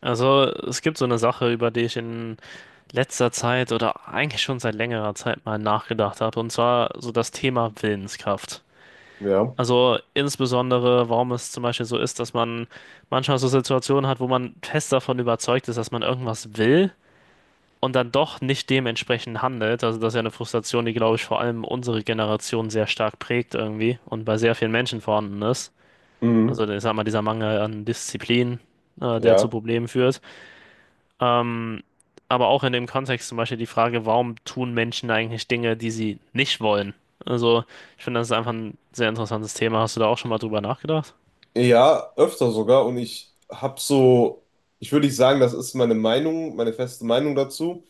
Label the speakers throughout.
Speaker 1: Also, es gibt so eine Sache, über die ich in letzter Zeit oder eigentlich schon seit längerer Zeit mal nachgedacht habe, und zwar so das Thema Willenskraft.
Speaker 2: Ja.
Speaker 1: Also insbesondere, warum es zum Beispiel so ist, dass man manchmal so Situationen hat, wo man fest davon überzeugt ist, dass man irgendwas will und dann doch nicht dementsprechend handelt. Also das ist ja eine Frustration, die, glaube ich, vor allem unsere Generation sehr stark prägt irgendwie und bei sehr vielen Menschen vorhanden ist.
Speaker 2: Mhm.
Speaker 1: Also ich sag mal, dieser Mangel an Disziplin, der zu
Speaker 2: Ja.
Speaker 1: Problemen führt. Ähm, aber auch in dem Kontext zum Beispiel die Frage, warum tun Menschen eigentlich Dinge, die sie nicht wollen? Also, ich finde, das ist einfach ein sehr interessantes Thema. Hast du da auch schon mal drüber nachgedacht?
Speaker 2: Ja, öfter sogar. Und ich habe so, ich würde nicht sagen, das ist meine Meinung, meine feste Meinung dazu.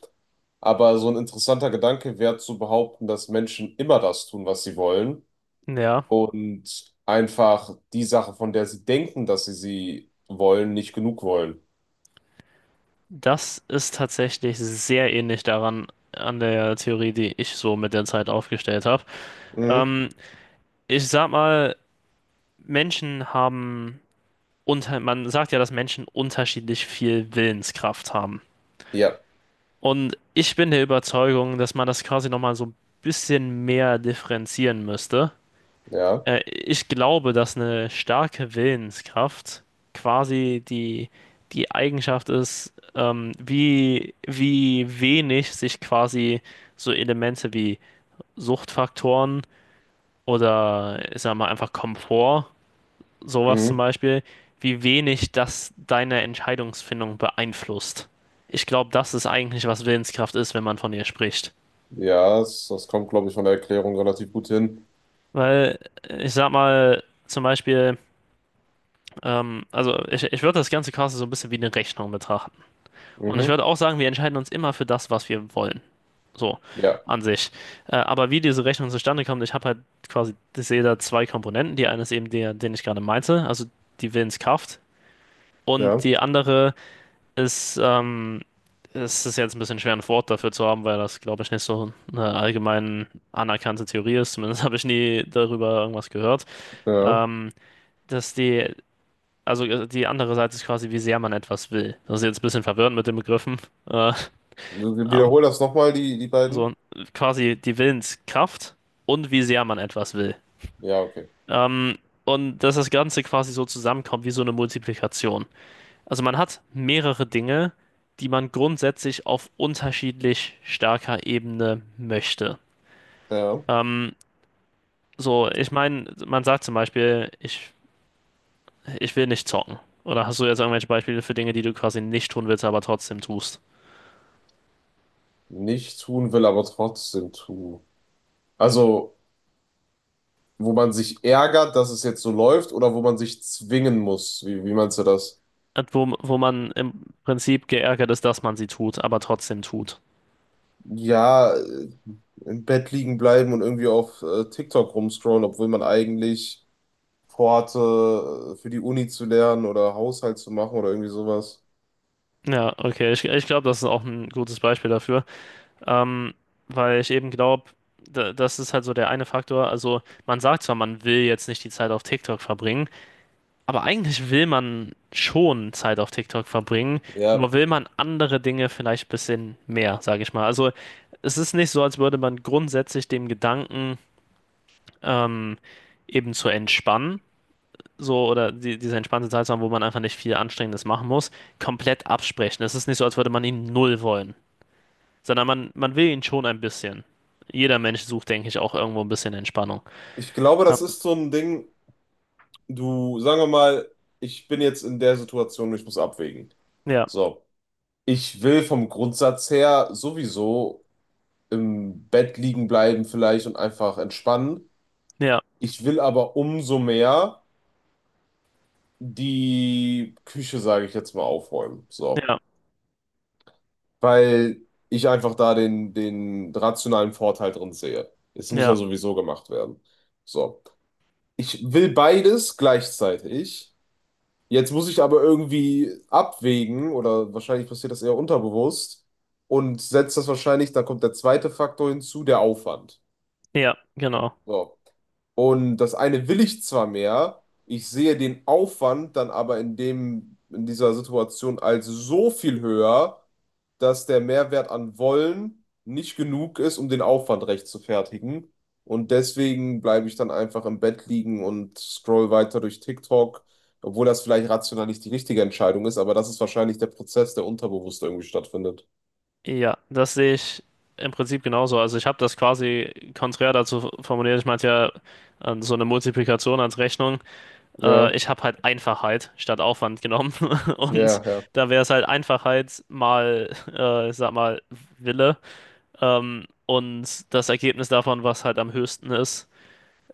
Speaker 2: Aber so ein interessanter Gedanke wäre zu behaupten, dass Menschen immer das tun, was sie wollen.
Speaker 1: Ja,
Speaker 2: Und einfach die Sache, von der sie denken, dass sie sie wollen, nicht genug wollen.
Speaker 1: das ist tatsächlich sehr ähnlich daran, an der Theorie, die ich so mit der Zeit aufgestellt habe.
Speaker 2: Mhm.
Speaker 1: Ähm, ich sag mal, Menschen haben man sagt ja, dass Menschen unterschiedlich viel Willenskraft haben.
Speaker 2: Ja,
Speaker 1: Und ich bin der Überzeugung, dass man das quasi nochmal so ein bisschen mehr differenzieren müsste.
Speaker 2: ja.
Speaker 1: Ich glaube, dass eine starke Willenskraft quasi die Eigenschaft ist, wie wenig sich quasi so Elemente wie Suchtfaktoren oder ich sag mal einfach Komfort, sowas zum
Speaker 2: Mhm.
Speaker 1: Beispiel, wie wenig das deine Entscheidungsfindung beeinflusst. Ich glaube, das ist eigentlich, was Willenskraft ist, wenn man von ihr spricht.
Speaker 2: Ja, das kommt, glaube ich, von der Erklärung relativ gut hin.
Speaker 1: Weil ich sag mal, zum Beispiel, ich würde das ganze Casting so ein bisschen wie eine Rechnung betrachten. Und ich
Speaker 2: Mhm.
Speaker 1: würde auch sagen, wir entscheiden uns immer für das, was wir wollen. So,
Speaker 2: Ja,
Speaker 1: an sich. Aber wie diese Rechnung zustande kommt, ich habe halt quasi, ich sehe da zwei Komponenten. Die eine ist eben der, den ich gerade meinte, also die Willenskraft. Und
Speaker 2: ja,
Speaker 1: die andere ist, es ist jetzt ein bisschen schwer, ein Wort dafür zu haben, weil das, glaube ich, nicht so eine allgemein anerkannte Theorie ist. Zumindest habe ich nie darüber irgendwas gehört.
Speaker 2: ja.
Speaker 1: Ähm, dass also die andere Seite ist quasi, wie sehr man etwas will. Das ist jetzt ein bisschen verwirrend mit den Begriffen. Äh, aber
Speaker 2: Wiederhol das nochmal, die beiden.
Speaker 1: so quasi die Willenskraft und wie sehr man etwas will.
Speaker 2: Ja, okay.
Speaker 1: Ähm, und dass das Ganze quasi so zusammenkommt wie so eine Multiplikation. Also man hat mehrere Dinge, die man grundsätzlich auf unterschiedlich starker Ebene möchte.
Speaker 2: Ja,
Speaker 1: Ähm, so, ich meine, man sagt zum Beispiel, ich will nicht zocken. Oder hast du jetzt irgendwelche Beispiele für Dinge, die du quasi nicht tun willst, aber trotzdem tust?
Speaker 2: nicht tun will, aber trotzdem tue. Also, wo man sich ärgert, dass es jetzt so läuft, oder wo man sich zwingen muss. Wie meinst du das?
Speaker 1: Wo man im Prinzip geärgert ist, dass man sie tut, aber trotzdem tut.
Speaker 2: Ja, im Bett liegen bleiben und irgendwie auf TikTok rumscrollen, obwohl man eigentlich vorhatte, für die Uni zu lernen oder Haushalt zu machen oder irgendwie sowas.
Speaker 1: Ja, okay, ich glaube, das ist auch ein gutes Beispiel dafür. Ähm, weil ich eben glaube, das ist halt so der eine Faktor. Also, man sagt zwar, man will jetzt nicht die Zeit auf TikTok verbringen. Aber eigentlich will man schon Zeit auf TikTok verbringen,
Speaker 2: Ja,
Speaker 1: nur will man andere Dinge vielleicht ein bisschen mehr, sage ich mal. Also es ist nicht so, als würde man grundsätzlich dem Gedanken ähm, eben zu entspannen, so oder diese entspannte Zeit zu haben, wo man einfach nicht viel Anstrengendes machen muss, komplett absprechen. Es ist nicht so, als würde man ihn null wollen, sondern man will ihn schon ein bisschen. Jeder Mensch sucht, denke ich, auch irgendwo ein bisschen Entspannung.
Speaker 2: ich glaube,
Speaker 1: Ja,
Speaker 2: das ist so ein Ding, du, sagen wir mal, ich bin jetzt in der Situation, ich muss abwägen.
Speaker 1: ja,
Speaker 2: So. Ich will vom Grundsatz her sowieso im Bett liegen bleiben vielleicht und einfach entspannen.
Speaker 1: ja,
Speaker 2: Ich will aber umso mehr die Küche, sage ich jetzt mal, aufräumen. So.
Speaker 1: ja,
Speaker 2: Weil ich einfach da den rationalen Vorteil drin sehe. Es muss ja
Speaker 1: ja,
Speaker 2: sowieso gemacht werden. So. Ich will beides gleichzeitig. Jetzt muss ich aber irgendwie abwägen, oder wahrscheinlich passiert das eher unterbewusst, und setzt das wahrscheinlich, da kommt der zweite Faktor hinzu, der Aufwand.
Speaker 1: ja, genau.
Speaker 2: So. Und das eine will ich zwar mehr, ich sehe den Aufwand dann aber in dem, in dieser Situation als so viel höher, dass der Mehrwert an Wollen nicht genug ist, um den Aufwand rechtfertigen. Und deswegen bleibe ich dann einfach im Bett liegen und scroll weiter durch TikTok, obwohl das vielleicht rational nicht die richtige Entscheidung ist, aber das ist wahrscheinlich der Prozess, der unterbewusst irgendwie stattfindet.
Speaker 1: Ja, das sehe ich im Prinzip genauso. Also ich habe das quasi konträr dazu formuliert. Ich meinte ja so eine Multiplikation als Rechnung.
Speaker 2: Ja,
Speaker 1: Ich habe halt Einfachheit statt Aufwand genommen. Und
Speaker 2: ja, ja,
Speaker 1: da wäre es halt Einfachheit mal, ich sag mal, Wille. Und das Ergebnis davon, was halt am höchsten ist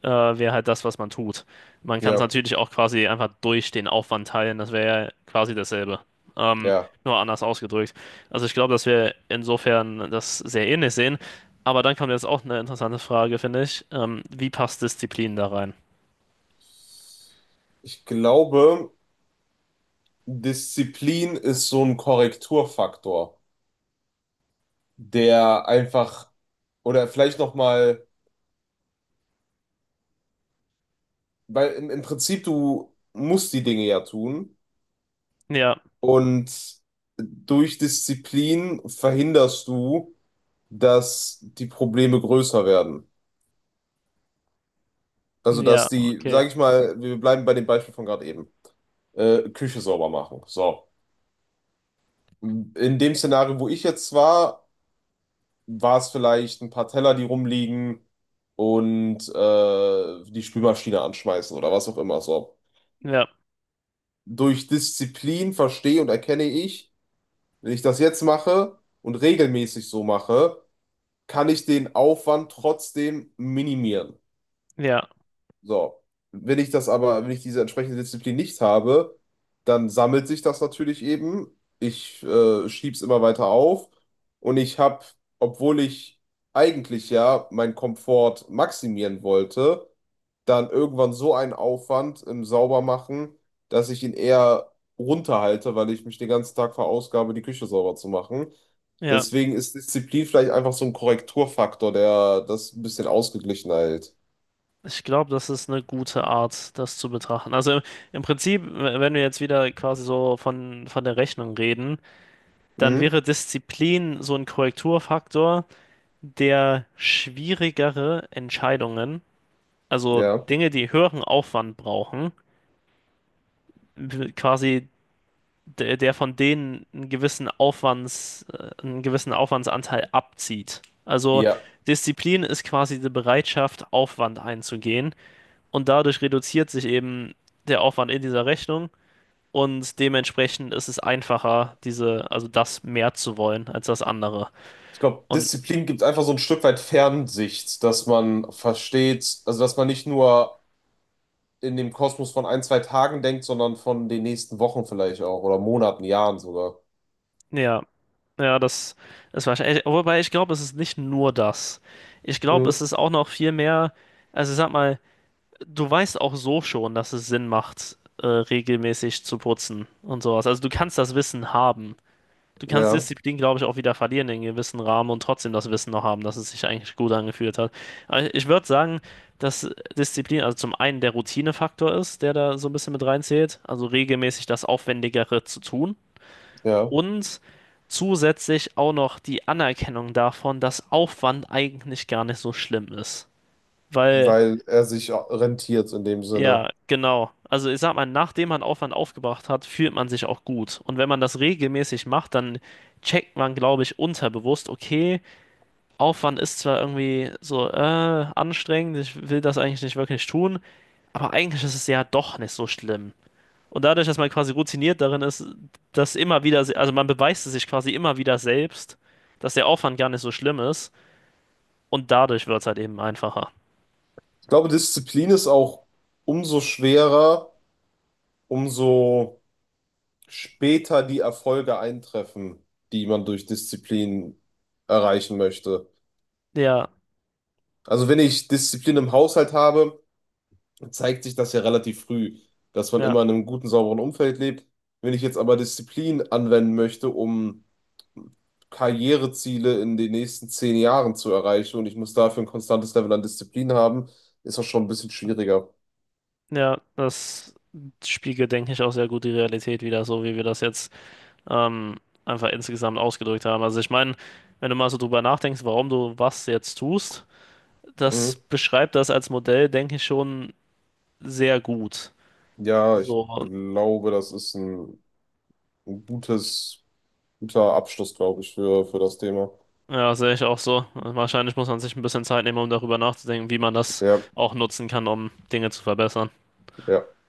Speaker 1: äh, wäre halt das, was man tut. Man kann es
Speaker 2: ja,
Speaker 1: natürlich auch quasi einfach durch den Aufwand teilen, das wäre ja quasi dasselbe. Ähm,
Speaker 2: ja.
Speaker 1: nur anders ausgedrückt. Also ich glaube, dass wir insofern das sehr ähnlich sehen. Aber dann kommt jetzt auch eine interessante Frage, finde ich. Wie passt Disziplin da rein?
Speaker 2: Ich glaube. Disziplin ist so ein Korrekturfaktor, der einfach, oder vielleicht nochmal, weil im, im Prinzip du musst die Dinge ja tun
Speaker 1: Ja,
Speaker 2: und durch Disziplin verhinderst du, dass die Probleme größer werden. Also,
Speaker 1: ja,
Speaker 2: dass die,
Speaker 1: okay.
Speaker 2: sag ich mal, wir bleiben bei dem Beispiel von gerade eben, Küche sauber machen. So. In dem Szenario, wo ich jetzt war, war es vielleicht ein paar Teller, die rumliegen und die Spülmaschine anschmeißen oder was auch immer so.
Speaker 1: Ja,
Speaker 2: Durch Disziplin verstehe und erkenne ich, wenn ich das jetzt mache und regelmäßig so mache, kann ich den Aufwand trotzdem minimieren.
Speaker 1: ja,
Speaker 2: So, wenn ich das aber, wenn ich diese entsprechende Disziplin nicht habe, dann sammelt sich das natürlich eben. Ich schieb's immer weiter auf und ich habe, obwohl ich eigentlich ja meinen Komfort maximieren wollte, dann irgendwann so einen Aufwand im Saubermachen, dass ich ihn eher runterhalte, weil ich mich den ganzen Tag verausgabe, die Küche sauber zu machen.
Speaker 1: ja.
Speaker 2: Deswegen ist Disziplin vielleicht einfach so ein Korrekturfaktor, der das ein bisschen ausgeglichen hält.
Speaker 1: Ich glaube, das ist eine gute Art, das zu betrachten. Also im Prinzip, wenn wir jetzt wieder quasi so von der Rechnung reden, dann
Speaker 2: Mhm.
Speaker 1: wäre Disziplin so ein Korrekturfaktor, der schwierigere Entscheidungen, also
Speaker 2: Ja.
Speaker 1: Dinge, die höheren Aufwand brauchen, quasi der von denen einen gewissen einen gewissen Aufwandsanteil abzieht. Also
Speaker 2: Ja,
Speaker 1: Disziplin ist quasi die Bereitschaft, Aufwand einzugehen und dadurch reduziert sich eben der Aufwand in dieser Rechnung und dementsprechend ist es einfacher, also das mehr zu wollen als das andere.
Speaker 2: ich glaube,
Speaker 1: Und
Speaker 2: Disziplin gibt einfach so ein Stück weit Fernsicht, dass man versteht, also dass man nicht nur in dem Kosmos von ein, zwei Tagen denkt, sondern von den nächsten Wochen vielleicht auch oder Monaten, Jahren sogar.
Speaker 1: ja, Ja, das ist wahrscheinlich. Wobei ich glaube, es ist nicht nur das. Ich glaube, es
Speaker 2: Mhm.
Speaker 1: ist auch noch viel mehr. Also sag mal, du weißt auch so schon, dass es Sinn macht, regelmäßig zu putzen und sowas. Also du kannst das Wissen haben. Du kannst
Speaker 2: Ja,
Speaker 1: Disziplin, glaube ich, auch wieder verlieren in gewissen Rahmen und trotzdem das Wissen noch haben, dass es sich eigentlich gut angefühlt hat. Aber ich würde sagen, dass Disziplin, also zum einen der Routinefaktor ist, der da so ein bisschen mit reinzählt, also regelmäßig das Aufwendigere zu tun
Speaker 2: ja,
Speaker 1: und zusätzlich auch noch die Anerkennung davon, dass Aufwand eigentlich gar nicht so schlimm ist. Weil,
Speaker 2: weil er sich rentiert in dem
Speaker 1: ja,
Speaker 2: Sinne.
Speaker 1: genau. Also ich sag mal, nachdem man Aufwand aufgebracht hat, fühlt man sich auch gut. Und wenn man das regelmäßig macht, dann checkt man, glaube ich, unterbewusst, okay, Aufwand ist zwar irgendwie so anstrengend, ich will das eigentlich nicht wirklich tun, aber eigentlich ist es ja doch nicht so schlimm. Und dadurch, dass man quasi routiniert darin ist, dass immer wieder, also man beweist es sich quasi immer wieder selbst, dass der Aufwand gar nicht so schlimm ist. Und dadurch wird es halt eben einfacher.
Speaker 2: Ich glaube, Disziplin ist auch umso schwerer, umso später die Erfolge eintreffen, die man durch Disziplin erreichen möchte.
Speaker 1: Ja,
Speaker 2: Also wenn ich Disziplin im Haushalt habe, zeigt sich das ja relativ früh, dass man
Speaker 1: ja,
Speaker 2: immer in einem guten, sauberen Umfeld lebt. Wenn ich jetzt aber Disziplin anwenden möchte, um Karriereziele in den nächsten 10 Jahren zu erreichen und ich muss dafür ein konstantes Level an Disziplin haben, ist das schon ein bisschen schwieriger.
Speaker 1: ja, das spiegelt, denke ich, auch sehr gut die Realität wider, so wie wir das jetzt ähm, einfach insgesamt ausgedrückt haben. Also ich meine, wenn du mal so drüber nachdenkst, warum du was jetzt tust, das
Speaker 2: Mhm.
Speaker 1: beschreibt das als Modell, denke ich, schon sehr gut.
Speaker 2: Ja, ich
Speaker 1: So,
Speaker 2: glaube, das ist ein gutes, guter Abschluss, glaube ich, für das Thema.
Speaker 1: ja, sehe ich auch so. Wahrscheinlich muss man sich ein bisschen Zeit nehmen, um darüber nachzudenken, wie man das
Speaker 2: Ja,
Speaker 1: auch nutzen kann, um Dinge zu verbessern.
Speaker 2: ja.